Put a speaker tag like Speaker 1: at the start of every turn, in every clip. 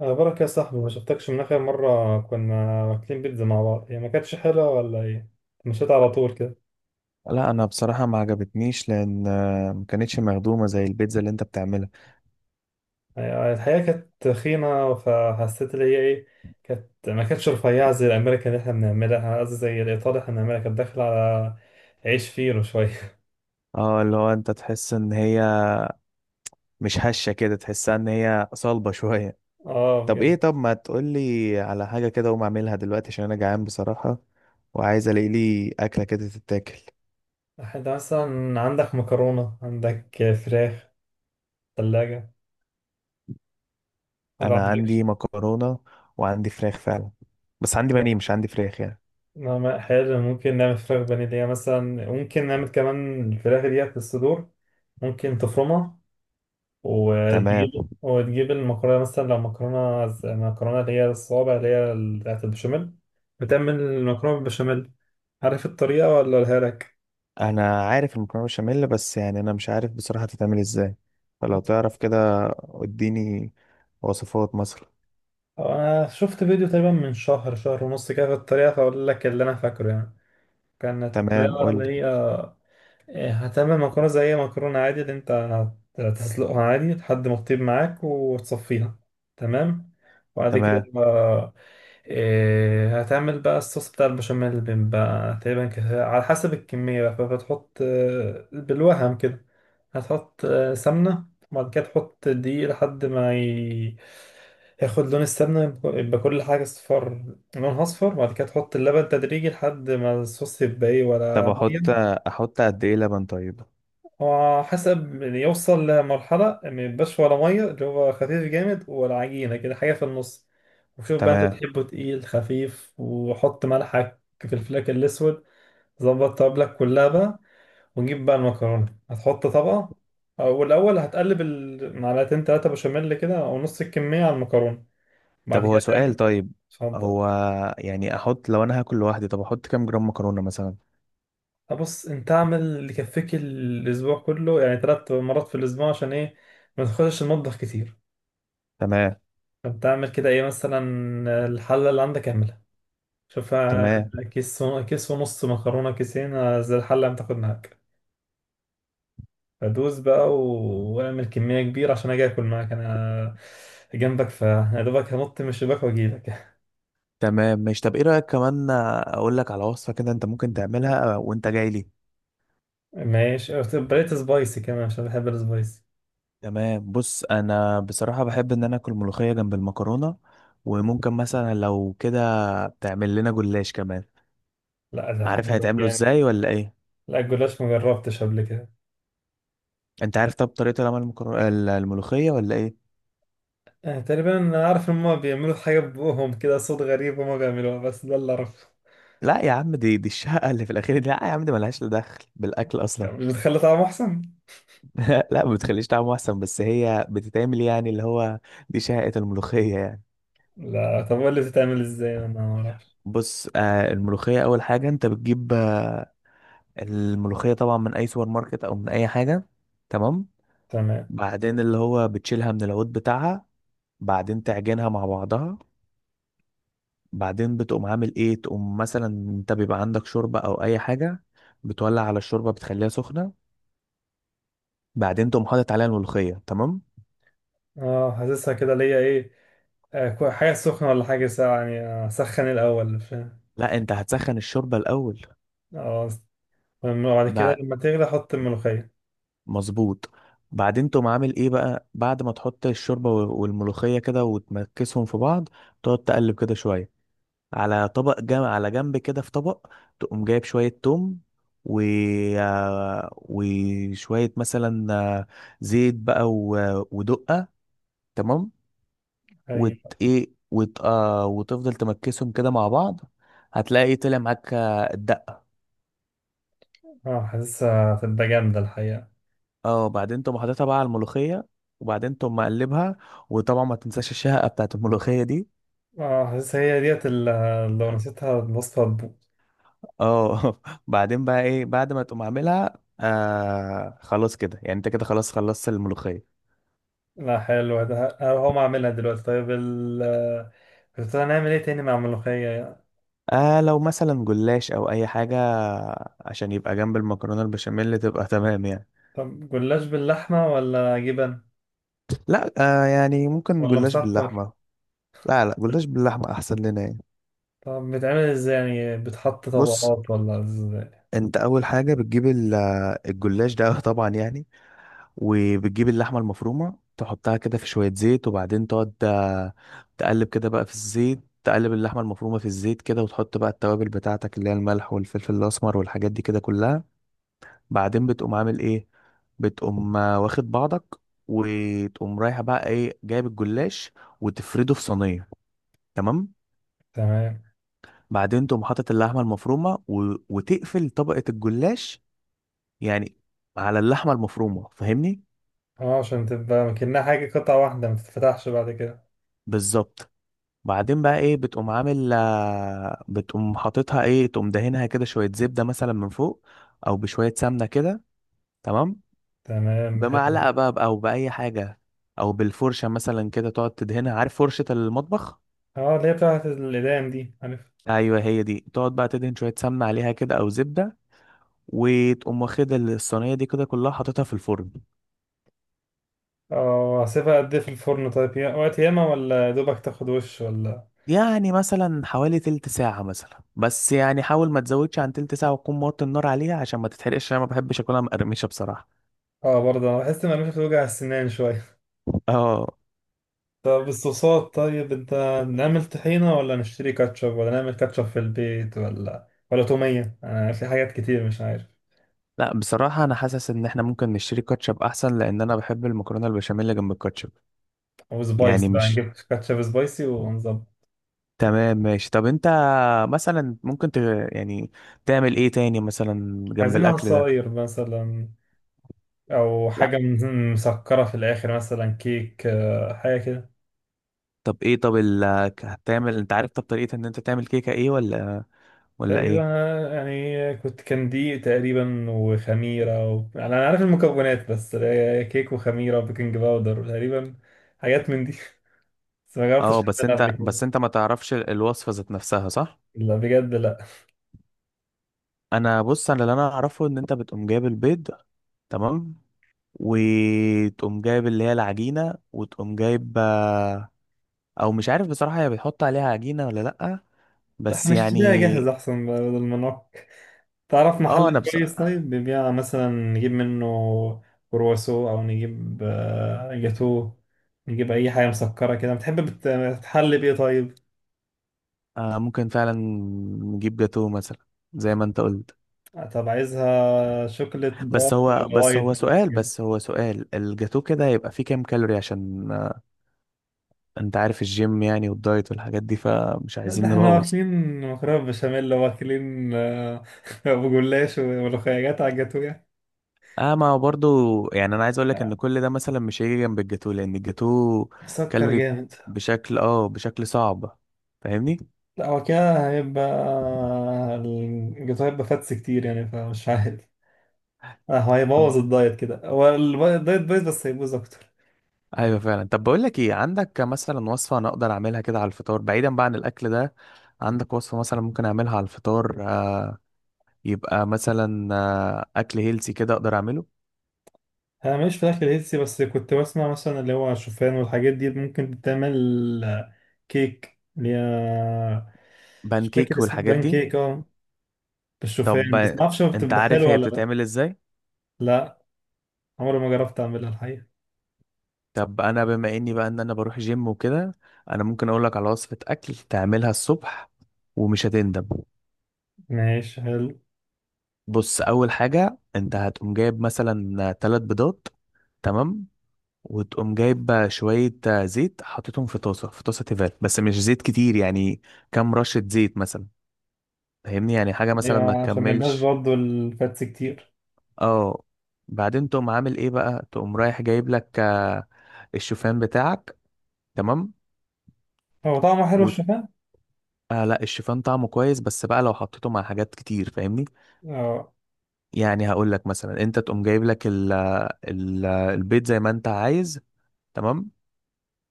Speaker 1: أخبارك يا صاحبي؟ ما شفتكش من آخر مرة كنا واكلين بيتزا مع بعض. هي ما كانتش حلوة ولا إيه؟ مشيت على طول كده.
Speaker 2: لا انا بصراحه ما عجبتنيش لان ما كانتش مخدومه زي البيتزا اللي انت بتعملها.
Speaker 1: الحقيقة كانت تخينة، فحسيت اللي هي إيه، ما كانتش رفيعة زي الأمريكا اللي إحنا بنعملها، قصدي زي الإيطالي إحنا بنعملها، كانت داخلة على عيش فينو شوية.
Speaker 2: اه اللي هو انت تحس ان هي مش هشه كده، تحسها ان هي صلبه شويه.
Speaker 1: آه
Speaker 2: طب
Speaker 1: بجد.
Speaker 2: ايه، طب ما تقولي على حاجه كده اقوم اعملها دلوقتي عشان انا جعان بصراحه، وعايز الاقي لي اكله كده تتاكل.
Speaker 1: أحد مثلا، عندك مكرونة؟ عندك فراخ؟ ثلاجة ما
Speaker 2: انا
Speaker 1: عندكش؟
Speaker 2: عندي مكرونه، وعندي فراخ فعلا، بس عندي بانيه مش عندي فراخ يعني.
Speaker 1: نعم، حلو، ممكن نعمل فراخ فانيليا مثلا، ممكن نعمل كمان الفراخ ديت الصدور، ممكن تفرمها وتجيب،
Speaker 2: تمام.
Speaker 1: وتجيب المكرونة. مثلا لو مكرونة مكرونة اللي هي الصوابع، اللي هي بتاعت البشاميل، بتعمل المكرونة بالبشاميل. عارف الطريقة ولا أقولها لك؟
Speaker 2: انا عارف المكرونه بشاميل بس يعني انا مش عارف بصراحه تتعمل ازاي، فلو تعرف كده اديني وصفات مثلا.
Speaker 1: أنا شفت فيديو تقريبا من شهر ونص كده في الطريقة، فأقول لك اللي أنا فاكره كانت
Speaker 2: تمام،
Speaker 1: الطريقة
Speaker 2: قول
Speaker 1: اللي
Speaker 2: لي.
Speaker 1: هي هتعمل مكرونة زي مكرونة عادي، اللي انت هتسلقها عادي لحد ما تطيب معاك وتصفيها. تمام، وبعد كده
Speaker 2: تمام
Speaker 1: بقى، هتعمل بقى الصوص بتاع البشاميل، اللي بيبقى تقريبا كده على حسب الكمية بقى. فبتحط بالوهم كده، هتحط سمنة، وبعد كده تحط دقيق لحد ما ياخد لون السمنة، يبقى كل حاجة أصفر، لونها أصفر، وبعد كده تحط اللبن تدريجي لحد ما الصوص يبقى إيه
Speaker 2: طب
Speaker 1: ولا مية.
Speaker 2: احط قد ايه لبن طيب؟
Speaker 1: هو حسب يعني، يوصل لمرحلة ما يبقاش ولا مية، اللي هو خفيف جامد ولا عجينة، كده حاجة في النص. وشوف بقى انت
Speaker 2: تمام.
Speaker 1: بتحبه تقيل خفيف، وحط ملحك في الفلاك الأسود. ظبط طبلك كلها بقى، ونجيب بقى المكرونة. هتحط طبقة، والأول هتقلب المعلقتين تلاتة بشاميل كده أو نص الكمية على المكرونة،
Speaker 2: طب
Speaker 1: بعد
Speaker 2: هو
Speaker 1: كده
Speaker 2: سؤال
Speaker 1: تعمل.
Speaker 2: طيب.
Speaker 1: اتفضل.
Speaker 2: هو يعني احط، لو انا هاكل لوحدي طب احط كام جرام مكرونة مثلا؟
Speaker 1: بص، انت اعمل اللي يكفيك الأسبوع كله، يعني تلات مرات في الأسبوع، عشان ايه؟ ما تخشش المطبخ كتير.
Speaker 2: تمام.
Speaker 1: طب تعمل كده ايه مثلا، الحلة اللي عندك اعملها، شوفها.
Speaker 2: تمام.
Speaker 1: كيس ونص مكرونة، كيسين زي الحلة اللي تاخد معاك. فدوس بقى واعمل كمية كبيرة عشان اجي اكل معاك انا جنبك، فيا دوبك هنط من الشباك واجيلك.
Speaker 2: تمام مش، طب ايه رأيك كمان اقول لك على وصفة كده انت ممكن تعملها وانت جاي لي؟
Speaker 1: ماشي. بقيت سبايسي كمان عشان بحب السبايسي.
Speaker 2: تمام. بص، انا بصراحة بحب ان انا اكل ملوخية جنب المكرونة، وممكن مثلا لو كده تعمل لنا جلاش كمان.
Speaker 1: لا ده
Speaker 2: عارف
Speaker 1: حلو
Speaker 2: هيتعملوا
Speaker 1: جامد.
Speaker 2: ازاي ولا ايه؟
Speaker 1: لا، الجلاش مجربتش قبل كده.
Speaker 2: انت عارف طب طريقة العمل الملوخية ولا ايه؟
Speaker 1: تقريبا عارف ان هما بيعملوا حاجة ببوقهم كده، صوت غريب هما بيعملوها، بس ده اللي اعرفه.
Speaker 2: لا يا عم، دي الشقة اللي في الأخير دي، لا يا عم دي ملهاش لا دخل بالأكل أصلا.
Speaker 1: يعني مش بتخلي طعمه احسن.
Speaker 2: لا ما بتخليش طعمه أحسن، بس هي بتتعمل يعني اللي هو، دي شقة الملوخية يعني.
Speaker 1: لا، طب قول لي بتتعمل ازاي، انا ما اعرفش.
Speaker 2: بص، آه، الملوخية أول حاجة أنت بتجيب الملوخية طبعا من أي سوبر ماركت أو من أي حاجة. تمام.
Speaker 1: تمام.
Speaker 2: بعدين اللي هو بتشيلها من العود بتاعها، بعدين تعجنها مع بعضها، بعدين بتقوم عامل إيه، تقوم مثلا أنت بيبقى عندك شوربة أو أي حاجة، بتولع على الشوربة بتخليها سخنة، بعدين تقوم حاطط عليها الملوخية. تمام.
Speaker 1: اه، حاسسها كده ليا ايه، حاجه سخنه ولا حاجه ساقعه، يعني اسخن الاول، فاهم؟
Speaker 2: لا انت هتسخن الشوربه الاول.
Speaker 1: اه. فاهم؟ وبعد كده
Speaker 2: بعد،
Speaker 1: لما تغلي احط الملوخيه.
Speaker 2: مظبوط. بعدين تقوم عامل ايه بقى بعد ما تحط الشوربه والملوخيه كده وتمكسهم في بعض، تقعد تقلب كده شويه على طبق جنب على جنب كده في طبق. تقوم جايب شويه توم، و، وشويه مثلا، زيت بقى ودقه. تمام. وت
Speaker 1: ايوه.
Speaker 2: ايه وت... آه... وتفضل تمكسهم كده مع بعض، هتلاقي طلع معاك الدقة.
Speaker 1: اه، حاسسها هتبقى جامده الحقيقه.
Speaker 2: اه، وبعدين تقوم حاططها بقى على الملوخية، وبعدين تقوم مقلبها، وطبعا ما تنساش الشهقة بتاعت الملوخية دي.
Speaker 1: اه، حاسسها هي ديت اللي، لو نسيتها الوصفه هتبوظ.
Speaker 2: اه. بعدين بقى ايه، بعد ما تقوم عاملها خلاص كده يعني، انت كده خلاص خلصت الملوخية.
Speaker 1: لا حلو ده، هقوم اعملها دلوقتي. طيب كنت هنعمل ايه تاني مع الملوخيه؟
Speaker 2: آه، لو مثلا جلاش او اي حاجة عشان يبقى جنب المكرونة البشاميل تبقى. تمام يعني.
Speaker 1: طب جلاش باللحمه ولا جبن
Speaker 2: لا. آه، يعني ممكن
Speaker 1: ولا
Speaker 2: جلاش
Speaker 1: مسكر؟
Speaker 2: باللحمة. لا، جلاش باللحمة احسن لنا يعني.
Speaker 1: طب بتعمل ازاي، يعني بتحط
Speaker 2: بص،
Speaker 1: طبقات ولا ازاي؟
Speaker 2: انت اول حاجة بتجيب الجلاش ده. طبعا يعني. وبتجيب اللحمة المفرومة تحطها كده في شوية زيت، وبعدين تقعد تقلب كده بقى في الزيت، تقلب اللحمة المفرومة في الزيت كده، وتحط بقى التوابل بتاعتك اللي هي الملح والفلفل الأسمر والحاجات دي كده كلها. بعدين بتقوم عامل ايه، بتقوم واخد بعضك، وتقوم رايحة بقى ايه جايب الجلاش وتفرده في صينية. تمام.
Speaker 1: تمام.
Speaker 2: بعدين تقوم حاطط اللحمة المفرومة وتقفل طبقة الجلاش يعني على اللحمة المفرومة، فاهمني؟
Speaker 1: اه، عشان تبقى كأنها حاجة قطعة واحدة ما تتفتحش بعد كده.
Speaker 2: بالظبط. بعدين بقى ايه، بتقوم عامل آه، بتقوم حاططها ايه تقوم دهنها كده شوية زبدة مثلا من فوق، او بشوية سمنة كده. تمام.
Speaker 1: تمام، حلو.
Speaker 2: بمعلقة بقى او بأي حاجة، او بالفرشة مثلا كده تقعد تدهنها، عارف فرشة المطبخ؟
Speaker 1: اه، اللي هي بتاعت الإيدام دي، عارف.
Speaker 2: ايوه هي دي، تقعد بقى تدهن شوية سمنة عليها كده او زبدة، وتقوم واخد الصينية دي كده كلها حاططها في الفرن.
Speaker 1: اه، هسيبها قد ايه في الفرن طيب، وقت ياما ولا دوبك تاخد وش ولا؟
Speaker 2: يعني مثلا حوالي تلت ساعة مثلا، بس يعني حاول ما تزودش عن تلت ساعة، وتكون موطي النار عليها عشان ما تتحرقش، انا ما بحبش اكلها مقرمشة بصراحة.
Speaker 1: اه برضه انا بحس ان مش بتوجع السنان شوية.
Speaker 2: اه.
Speaker 1: طب الصوصات طيب انت، نعمل طحينة ولا نشتري كاتشب، ولا نعمل كاتشب في البيت، ولا تومية؟ انا في حاجات كتير مش عارف.
Speaker 2: لا، بصراحة أنا حاسس إن إحنا ممكن نشتري كاتشب أحسن، لأن أنا بحب المكرونة البشاميل اللي جنب الكاتشب.
Speaker 1: او
Speaker 2: يعني
Speaker 1: سبايسي بقى،
Speaker 2: مش،
Speaker 1: نجيب كاتشب سبايسي ونظبط.
Speaker 2: تمام ماشي. طب أنت مثلا ممكن ت... يعني تعمل إيه تاني مثلا جنب
Speaker 1: عايزين
Speaker 2: الأكل ده؟
Speaker 1: عصاير مثلا، او
Speaker 2: لا.
Speaker 1: حاجه مسكره في الاخر، مثلا كيك، حاجه كده.
Speaker 2: طب إيه طب هتعمل، أنت عارف طب طريقة إن أنت تعمل كيكة إيه ولا، ولا
Speaker 1: تقريبا
Speaker 2: إيه؟
Speaker 1: أنا يعني كنت كان دي تقريبا، يعني انا عارف المكونات، بس كيك وخميره وبيكنج باودر تقريبا، حاجات من دي. بس ما
Speaker 2: أه
Speaker 1: جربتش
Speaker 2: بس
Speaker 1: اعملها قبل
Speaker 2: أنت،
Speaker 1: كده.
Speaker 2: بس أنت ما تعرفش الوصفة ذات نفسها، صح؟
Speaker 1: لا بجد لا.
Speaker 2: أنا، بص أنا اللي أنا أعرفه إن أنت بتقوم جايب البيض، تمام؟ وتقوم جايب اللي هي العجينة وتقوم جايب، او مش عارف بصراحة هي بتحط عليها عجينة ولا لأ،
Speaker 1: لا،
Speaker 2: بس
Speaker 1: احنا نشتريها
Speaker 2: يعني.
Speaker 1: جاهزه احسن بدل ما نعك. تعرف
Speaker 2: اه
Speaker 1: محل
Speaker 2: انا بص...
Speaker 1: كويس طيب بيبيع مثلا نجيب منه كرواسو، او نجيب جاتو، نجيب اي حاجه مسكره كده. بتحب بتحلي بايه طيب؟
Speaker 2: آه، ممكن فعلا نجيب جاتو مثلا زي ما انت قلت.
Speaker 1: طب عايزها شوكليت
Speaker 2: بس
Speaker 1: دارك
Speaker 2: هو،
Speaker 1: ولا
Speaker 2: بس
Speaker 1: وايت
Speaker 2: هو
Speaker 1: ولا
Speaker 2: سؤال
Speaker 1: كده؟
Speaker 2: بس هو سؤال الجاتو كده هيبقى فيه كام كالوري، عشان انت عارف الجيم يعني والدايت والحاجات دي، فمش
Speaker 1: لا ده
Speaker 2: عايزين
Speaker 1: احنا
Speaker 2: نبوظ.
Speaker 1: واكلين مكرونه بشاميل، واكلين ابو جلاش وملوخيات، على الجاتو يعني؟
Speaker 2: اه ما هو برضو يعني، انا عايز اقولك
Speaker 1: لا،
Speaker 2: ان كل ده مثلا مش هيجي جنب الجاتو، لان الجاتو
Speaker 1: مسكر
Speaker 2: كالوري
Speaker 1: جامد.
Speaker 2: بشكل، بشكل صعب، فاهمني؟
Speaker 1: لا هو كده هيبقى الجاتو هيبقى فاتس كتير يعني، فمش عارف. اه هو هيبوظ الدايت كده، هو الدايت بايظ بس هيبوظ اكتر.
Speaker 2: ايوه فعلا. طب بقول لك ايه، عندك مثلا وصفه انا اقدر اعملها كده على الفطار، بعيدا بقى عن الاكل ده؟ عندك وصفه مثلا ممكن اعملها على الفطار، يبقى مثلا اكل هيلسي كده اقدر اعمله؟
Speaker 1: انا ماليش في الاكل الهيلثي، بس كنت بسمع مثلا اللي هو الشوفان والحاجات دي ممكن تتعمل كيك اللي هي، مش فاكر
Speaker 2: بانكيك
Speaker 1: اسمه،
Speaker 2: والحاجات
Speaker 1: بان
Speaker 2: دي؟
Speaker 1: كيك اه،
Speaker 2: طب
Speaker 1: بالشوفان، بس ما اعرفش هو
Speaker 2: انت
Speaker 1: بتبقى
Speaker 2: عارف
Speaker 1: حلوه
Speaker 2: هي
Speaker 1: ولا لا.
Speaker 2: بتتعمل ازاي؟
Speaker 1: لا، عمري ما جربت اعملها الحقيقه.
Speaker 2: طب انا بما اني بقى ان انا بروح جيم وكده، انا ممكن اقول لك على وصفه اكل تعملها الصبح ومش هتندم.
Speaker 1: ماشي حلو.
Speaker 2: بص اول حاجه انت هتقوم جايب مثلا ثلاث بيضات، تمام، وتقوم جايب بقى شوية زيت حطيتهم في طاسة، في طاسة تيفال بس مش زيت كتير يعني، كام رشة زيت مثلا، فاهمني يعني حاجة مثلا ما
Speaker 1: ايوه، عشان ما يبقاش
Speaker 2: تكملش.
Speaker 1: برضه الفاتس كتير.
Speaker 2: اه. بعدين تقوم عامل ايه بقى، تقوم رايح جايب لك الشوفان بتاعك. تمام.
Speaker 1: هو طعمه حلو
Speaker 2: و...
Speaker 1: الشوفان.
Speaker 2: آه لا، الشوفان طعمه كويس، بس بقى لو حطيته مع حاجات كتير فاهمني.
Speaker 1: اه.
Speaker 2: يعني هقول لك مثلا انت تقوم جايب لك البيض زي ما انت عايز، تمام،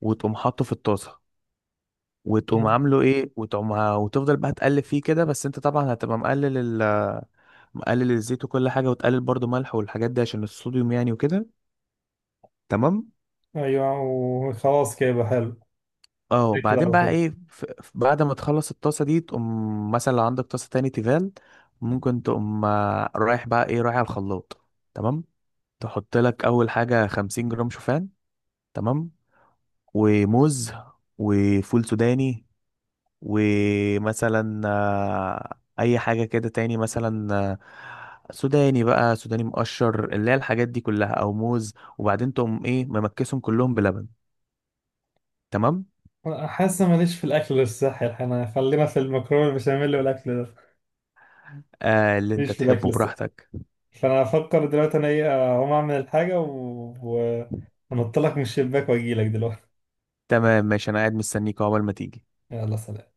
Speaker 2: وتقوم حاطه في الطاسة، وتقوم عامله ايه وتقوم وتفضل بقى تقلب فيه كده، بس انت طبعا هتبقى مقلل الزيت وكل حاجه، وتقلل برضو ملح والحاجات دي عشان الصوديوم يعني وكده. تمام.
Speaker 1: ايوه وخلاص كده يبقى حلو.
Speaker 2: اه.
Speaker 1: كده
Speaker 2: وبعدين
Speaker 1: على
Speaker 2: بقى
Speaker 1: طول.
Speaker 2: ايه، بعد ما تخلص الطاسه دي، تقوم مثلا لو عندك طاسه تاني تيفال ممكن تقوم رايح بقى ايه، رايح على الخلاط. تمام. تحط لك اول حاجه 50 جرام شوفان، تمام، وموز، وفول سوداني، ومثلا اي حاجه كده تاني مثلا، سوداني بقى، سوداني مقشر اللي هي الحاجات دي كلها، او موز، وبعدين تقوم ايه ممكسهم كلهم بلبن. تمام.
Speaker 1: حاسة ماليش في الأكل الصحي الحين، أنا خلينا في المكرونة البشاميل والأكل ده.
Speaker 2: آه اللي انت
Speaker 1: ماليش في الأكل
Speaker 2: تحبه
Speaker 1: الصحي.
Speaker 2: براحتك.
Speaker 1: فأنا أفكر دلوقتي أنا إيه، أقوم أعمل الحاجة و... أنط لك من الشباك وأجيلك دلوقتي.
Speaker 2: تمام ماشي، انا قاعد مستنيك عقبال ما تيجي.
Speaker 1: يلا سلام.